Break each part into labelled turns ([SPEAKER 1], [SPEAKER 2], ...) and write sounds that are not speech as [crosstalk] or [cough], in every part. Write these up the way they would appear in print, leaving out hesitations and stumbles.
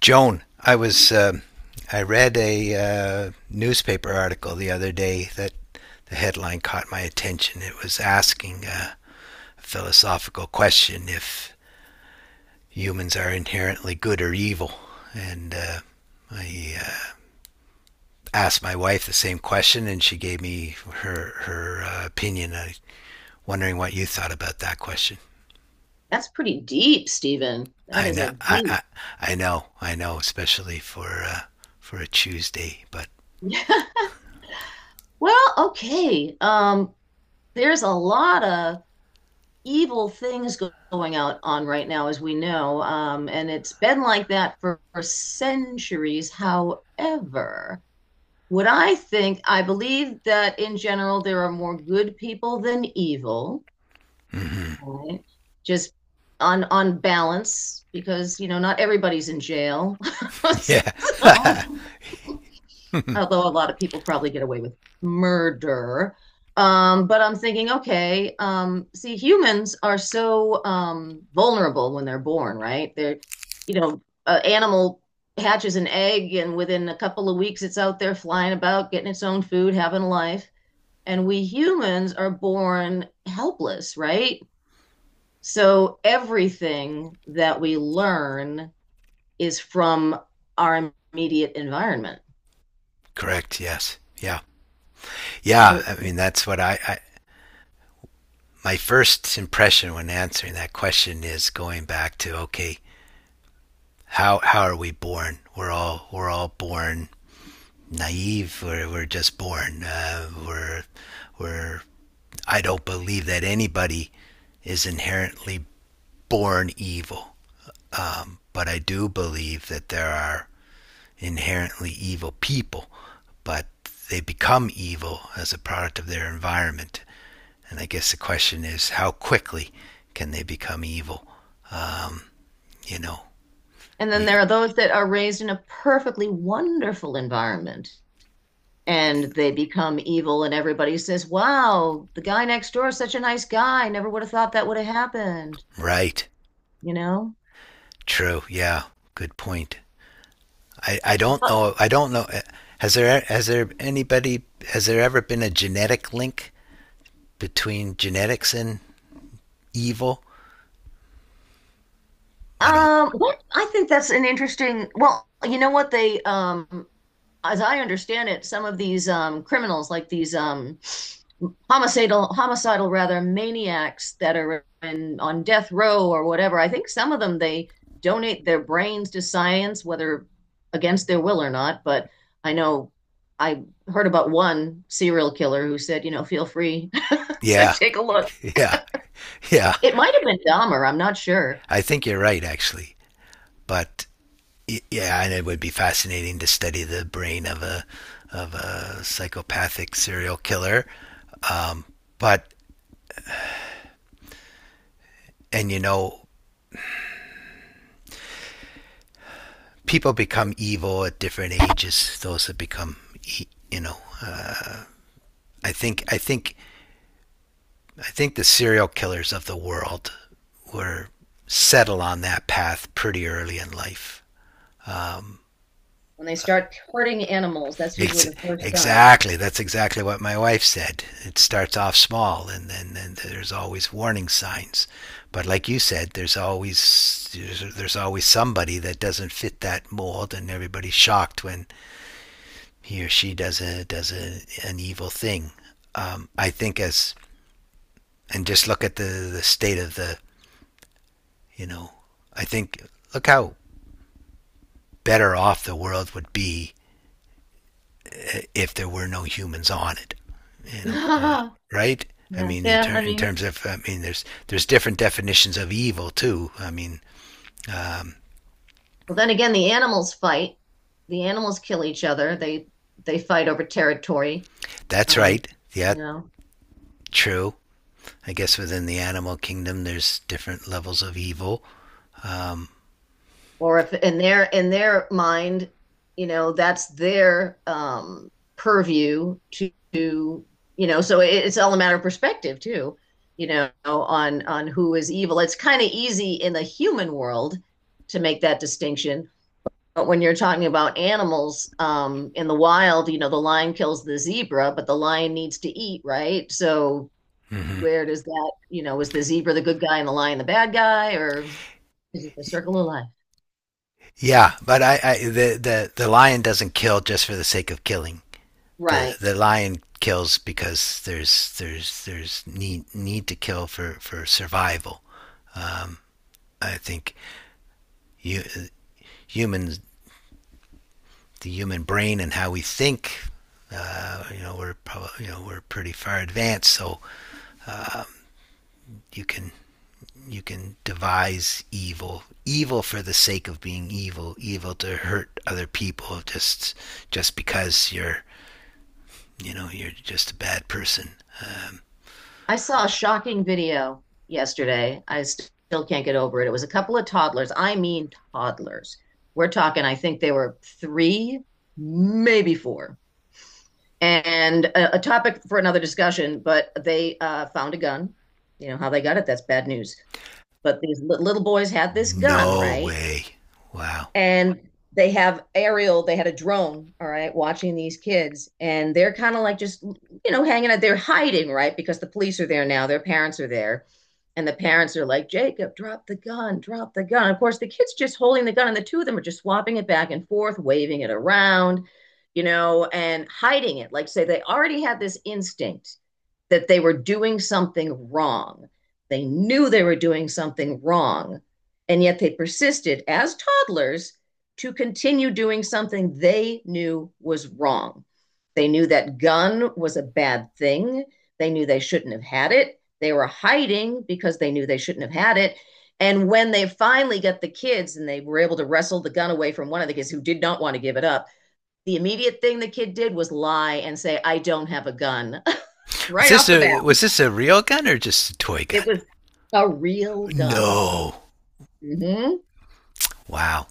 [SPEAKER 1] Joan, I read a newspaper article the other day that the headline caught my attention. It was asking a philosophical question if humans are inherently good or evil, and I asked my wife the same question, and she gave me her opinion. I wondering what you thought about that question.
[SPEAKER 2] That's pretty deep, Stephen. That
[SPEAKER 1] I
[SPEAKER 2] is
[SPEAKER 1] know,
[SPEAKER 2] a
[SPEAKER 1] I
[SPEAKER 2] deep. [laughs]
[SPEAKER 1] I, I know, especially for a Tuesday, but.
[SPEAKER 2] Yeah. Well, okay. There's a lot of evil going out on right now, as we know, and it's been like that for centuries. However, I believe that in general there are more good people than evil,
[SPEAKER 1] Hmm,
[SPEAKER 2] right? Just on balance, because you know not everybody's in jail. [laughs]
[SPEAKER 1] yeah.
[SPEAKER 2] So,
[SPEAKER 1] [laughs] [laughs]
[SPEAKER 2] although a lot of people probably get away with murder. But I'm thinking, okay, see, humans are so vulnerable when they're born, right? An animal hatches an egg, and within a couple of weeks, it's out there flying about, getting its own food, having a life. And we humans are born helpless, right? So everything that we learn is from our immediate environment.
[SPEAKER 1] Correct. Yes. Yeah. Yeah.
[SPEAKER 2] So
[SPEAKER 1] I mean, that's what I, my first impression when answering that question is going back to, okay, how are we born? We're all born naive. We're just born. We're, I don't believe that anybody is inherently born evil, but I do believe that there are inherently evil people, but they become evil as a product of their environment. And I guess the question is, how quickly can they become evil? Um, you know,
[SPEAKER 2] and then
[SPEAKER 1] y-
[SPEAKER 2] there are those that are raised in a perfectly wonderful environment and they become evil, and everybody says, wow, the guy next door is such a nice guy. Never would have thought that would have happened,
[SPEAKER 1] right?
[SPEAKER 2] you know?
[SPEAKER 1] True. Yeah. Good point. I don't know. I don't know. Has there has there anybody has there ever been a genetic link between genetics and evil? I don't.
[SPEAKER 2] What I think that's an interesting, well, you know what? As I understand it, some of these criminals, like these homicidal rather maniacs that are on death row or whatever, I think some of them they donate their brains to science, whether against their will or not. But I know I heard about one serial killer who said, you know, feel free [laughs] to
[SPEAKER 1] Yeah.
[SPEAKER 2] take a look.
[SPEAKER 1] [laughs] Yeah. Yeah.
[SPEAKER 2] It might have been Dahmer. I'm not sure.
[SPEAKER 1] I think you're right, actually. But yeah, and it would be fascinating to study the brain of a psychopathic serial killer. But And you know, people become evil at different ages. Those that become, e- you know, I think, I think, I think the serial killers of the world were settle on that path pretty early in life.
[SPEAKER 2] When they start hurting animals, that's
[SPEAKER 1] It's
[SPEAKER 2] usually the first sign.
[SPEAKER 1] exactly that's exactly what my wife said. It starts off small, and then and there's always warning signs. But like you said, there's always somebody that doesn't fit that mold, and everybody's shocked when he or she does an evil thing. I think as and Just look at the state of the you know I think look how better off the world would be if there were no humans on it. You
[SPEAKER 2] [laughs]
[SPEAKER 1] know, uh,
[SPEAKER 2] Yeah,
[SPEAKER 1] right? I mean,
[SPEAKER 2] yeah.
[SPEAKER 1] in terms of, I mean, there's different definitions of evil too. I mean,
[SPEAKER 2] Well, then again, the animals fight. The animals kill each other. They fight over territory.
[SPEAKER 1] that's
[SPEAKER 2] Um,
[SPEAKER 1] right. Yeah,
[SPEAKER 2] you know,
[SPEAKER 1] true. I guess within the animal kingdom, there's different levels of evil.
[SPEAKER 2] or if in their in their mind, you know, that's their purview to, you know, so it's all a matter of perspective too, you know, on who is evil. It's kind of easy in the human world to make that distinction. But when you're talking about animals in the wild, you know, the lion kills the zebra, but the lion needs to eat, right? So
[SPEAKER 1] Mm-hmm.
[SPEAKER 2] where does that, you know, is the zebra the good guy and the lion the bad guy, or is it the circle of life?
[SPEAKER 1] Yeah, but I the lion doesn't kill just for the sake of killing. The
[SPEAKER 2] Right.
[SPEAKER 1] the lion kills because there's need to kill for survival. I think you humans the human brain and how we think, we're probably, we're pretty far advanced. So you can you can devise evil evil for the sake of being evil evil to hurt other people just because you're just a bad person. Um,
[SPEAKER 2] I saw a shocking video yesterday. I still can't get over it. It was a couple of toddlers. I mean, toddlers. We're talking, I think they were three, maybe four and a topic for another discussion, but they found a gun. You know how they got it? That's bad news. But these little boys had this gun,
[SPEAKER 1] no
[SPEAKER 2] right?
[SPEAKER 1] way. Wow.
[SPEAKER 2] And they have aerial they had a drone, all right, watching these kids and they're kind of like just, you know, hanging out. They're hiding, right, because the police are there. Now their parents are there, and the parents are like, Jacob, drop the gun, drop the gun. Of course, the kids just holding the gun and the two of them are just swapping it back and forth, waving it around, you know, and hiding it, like, say they already had this instinct that they were doing something wrong. They knew they were doing something wrong, and yet they persisted as toddlers to continue doing something they knew was wrong. They knew that gun was a bad thing. They knew they shouldn't have had it. They were hiding because they knew they shouldn't have had it. And when they finally got the kids and they were able to wrestle the gun away from one of the kids who did not want to give it up, the immediate thing the kid did was lie and say, I don't have a gun [laughs]
[SPEAKER 1] Was
[SPEAKER 2] right
[SPEAKER 1] this
[SPEAKER 2] off the bat.
[SPEAKER 1] a was this a real gun or just a toy gun?
[SPEAKER 2] It was a real gun.
[SPEAKER 1] No.
[SPEAKER 2] Mm-hmm.
[SPEAKER 1] Wow.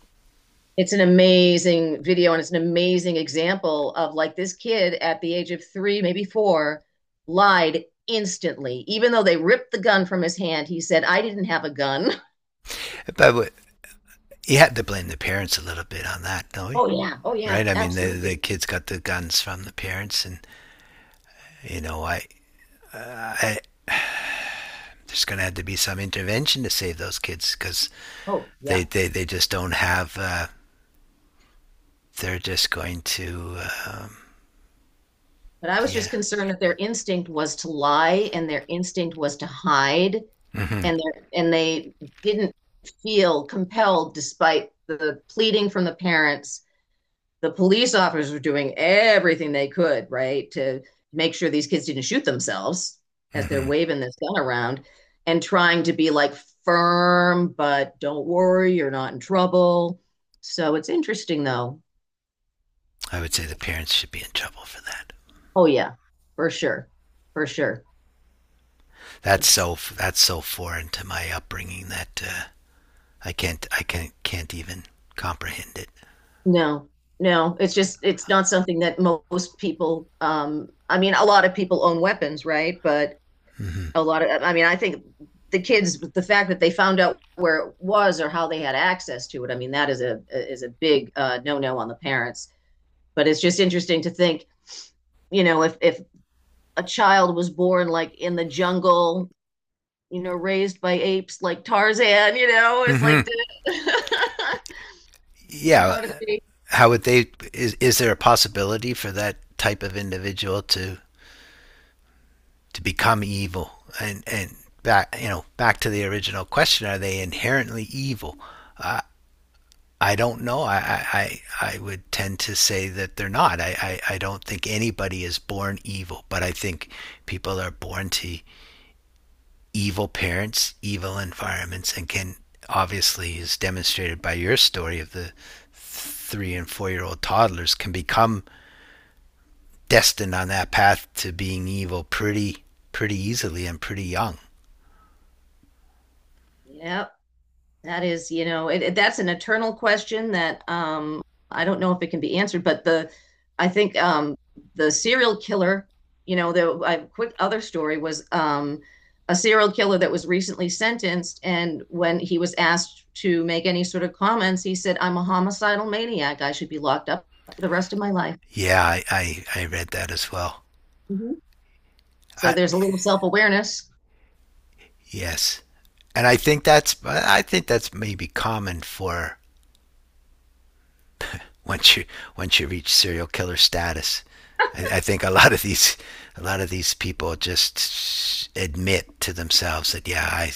[SPEAKER 2] It's an amazing video and it's an amazing example of, like, this kid at the age of three, maybe four, lied instantly. Even though they ripped the gun from his hand, he said, I didn't have a gun.
[SPEAKER 1] But you had to blame the parents a little bit on that, don't we?
[SPEAKER 2] Oh, yeah. Oh, yeah.
[SPEAKER 1] Right? I mean, the
[SPEAKER 2] Absolutely.
[SPEAKER 1] kids got the guns from the parents, and you know, I there's going to have to be some intervention to save those kids because
[SPEAKER 2] Oh,
[SPEAKER 1] they,
[SPEAKER 2] yeah.
[SPEAKER 1] they they just don't have. They're just going to, uh,
[SPEAKER 2] But I was
[SPEAKER 1] yeah.
[SPEAKER 2] just concerned that their instinct was to lie and their instinct was to hide,
[SPEAKER 1] Mm-hmm.
[SPEAKER 2] and and they didn't feel compelled despite the pleading from the parents. The police officers were doing everything they could, right, to make sure these kids didn't shoot themselves as they're
[SPEAKER 1] Mm-hmm.
[SPEAKER 2] waving this gun around and trying to be like firm, but don't worry, you're not in trouble. So it's interesting though.
[SPEAKER 1] I would say the parents should be in trouble for that.
[SPEAKER 2] Oh, yeah, for sure. For sure.
[SPEAKER 1] That's
[SPEAKER 2] It's-
[SPEAKER 1] so that's so foreign to my upbringing that I can't even comprehend it.
[SPEAKER 2] no, no, it's just, it's not something that most people, I mean, a lot of people own weapons, right? But
[SPEAKER 1] Mm-hmm.
[SPEAKER 2] a lot of, I mean, I think the kids, the fact that they found out where it was or how they had access to it, I mean that is a big no no on the parents. But it's just interesting to think, you know, if a child was born like in the jungle, you know, raised by apes like Tarzan, you know, it's like
[SPEAKER 1] Mm-hmm.
[SPEAKER 2] [laughs]
[SPEAKER 1] Yeah,
[SPEAKER 2] how did they?
[SPEAKER 1] how would they? Is there a possibility for that type of individual to become evil? And back you know back to the original question: are they inherently evil? Uh, I don't know. I would tend to say that they're not. I don't think anybody is born evil, but I think people are born to evil parents, evil environments, and can, obviously, as demonstrated by your story of the 3 and 4 year old toddlers, can become destined on that path to being evil pretty easily and pretty young.
[SPEAKER 2] Yeah, that is, you know, that's an eternal question that I don't know if it can be answered, but the I think the serial killer, you know, quick other story was a serial killer that was recently sentenced, and when he was asked to make any sort of comments, he said, "I'm a homicidal maniac. I should be locked up for the rest of my life."
[SPEAKER 1] Yeah, I read that as well.
[SPEAKER 2] Mhm. So
[SPEAKER 1] I,
[SPEAKER 2] there's a little self-awareness.
[SPEAKER 1] yes, and I think that's maybe common for once you once you reach serial killer status. I think a lot of these people just admit to themselves that yeah, I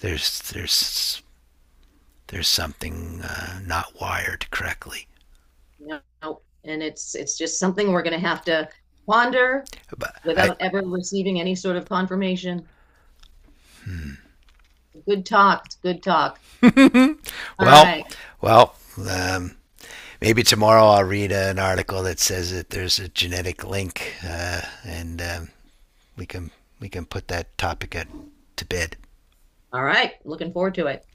[SPEAKER 1] there's there's there's something, not wired correctly.
[SPEAKER 2] No, no, and it's just something we're going to have to ponder
[SPEAKER 1] But I
[SPEAKER 2] without ever receiving any sort of confirmation. Good talk. It's good talk. All
[SPEAKER 1] well
[SPEAKER 2] right.
[SPEAKER 1] well um, Maybe tomorrow I'll read an article that says that there's a genetic link and we can we can put that topic to bed.
[SPEAKER 2] All right. Looking forward to it.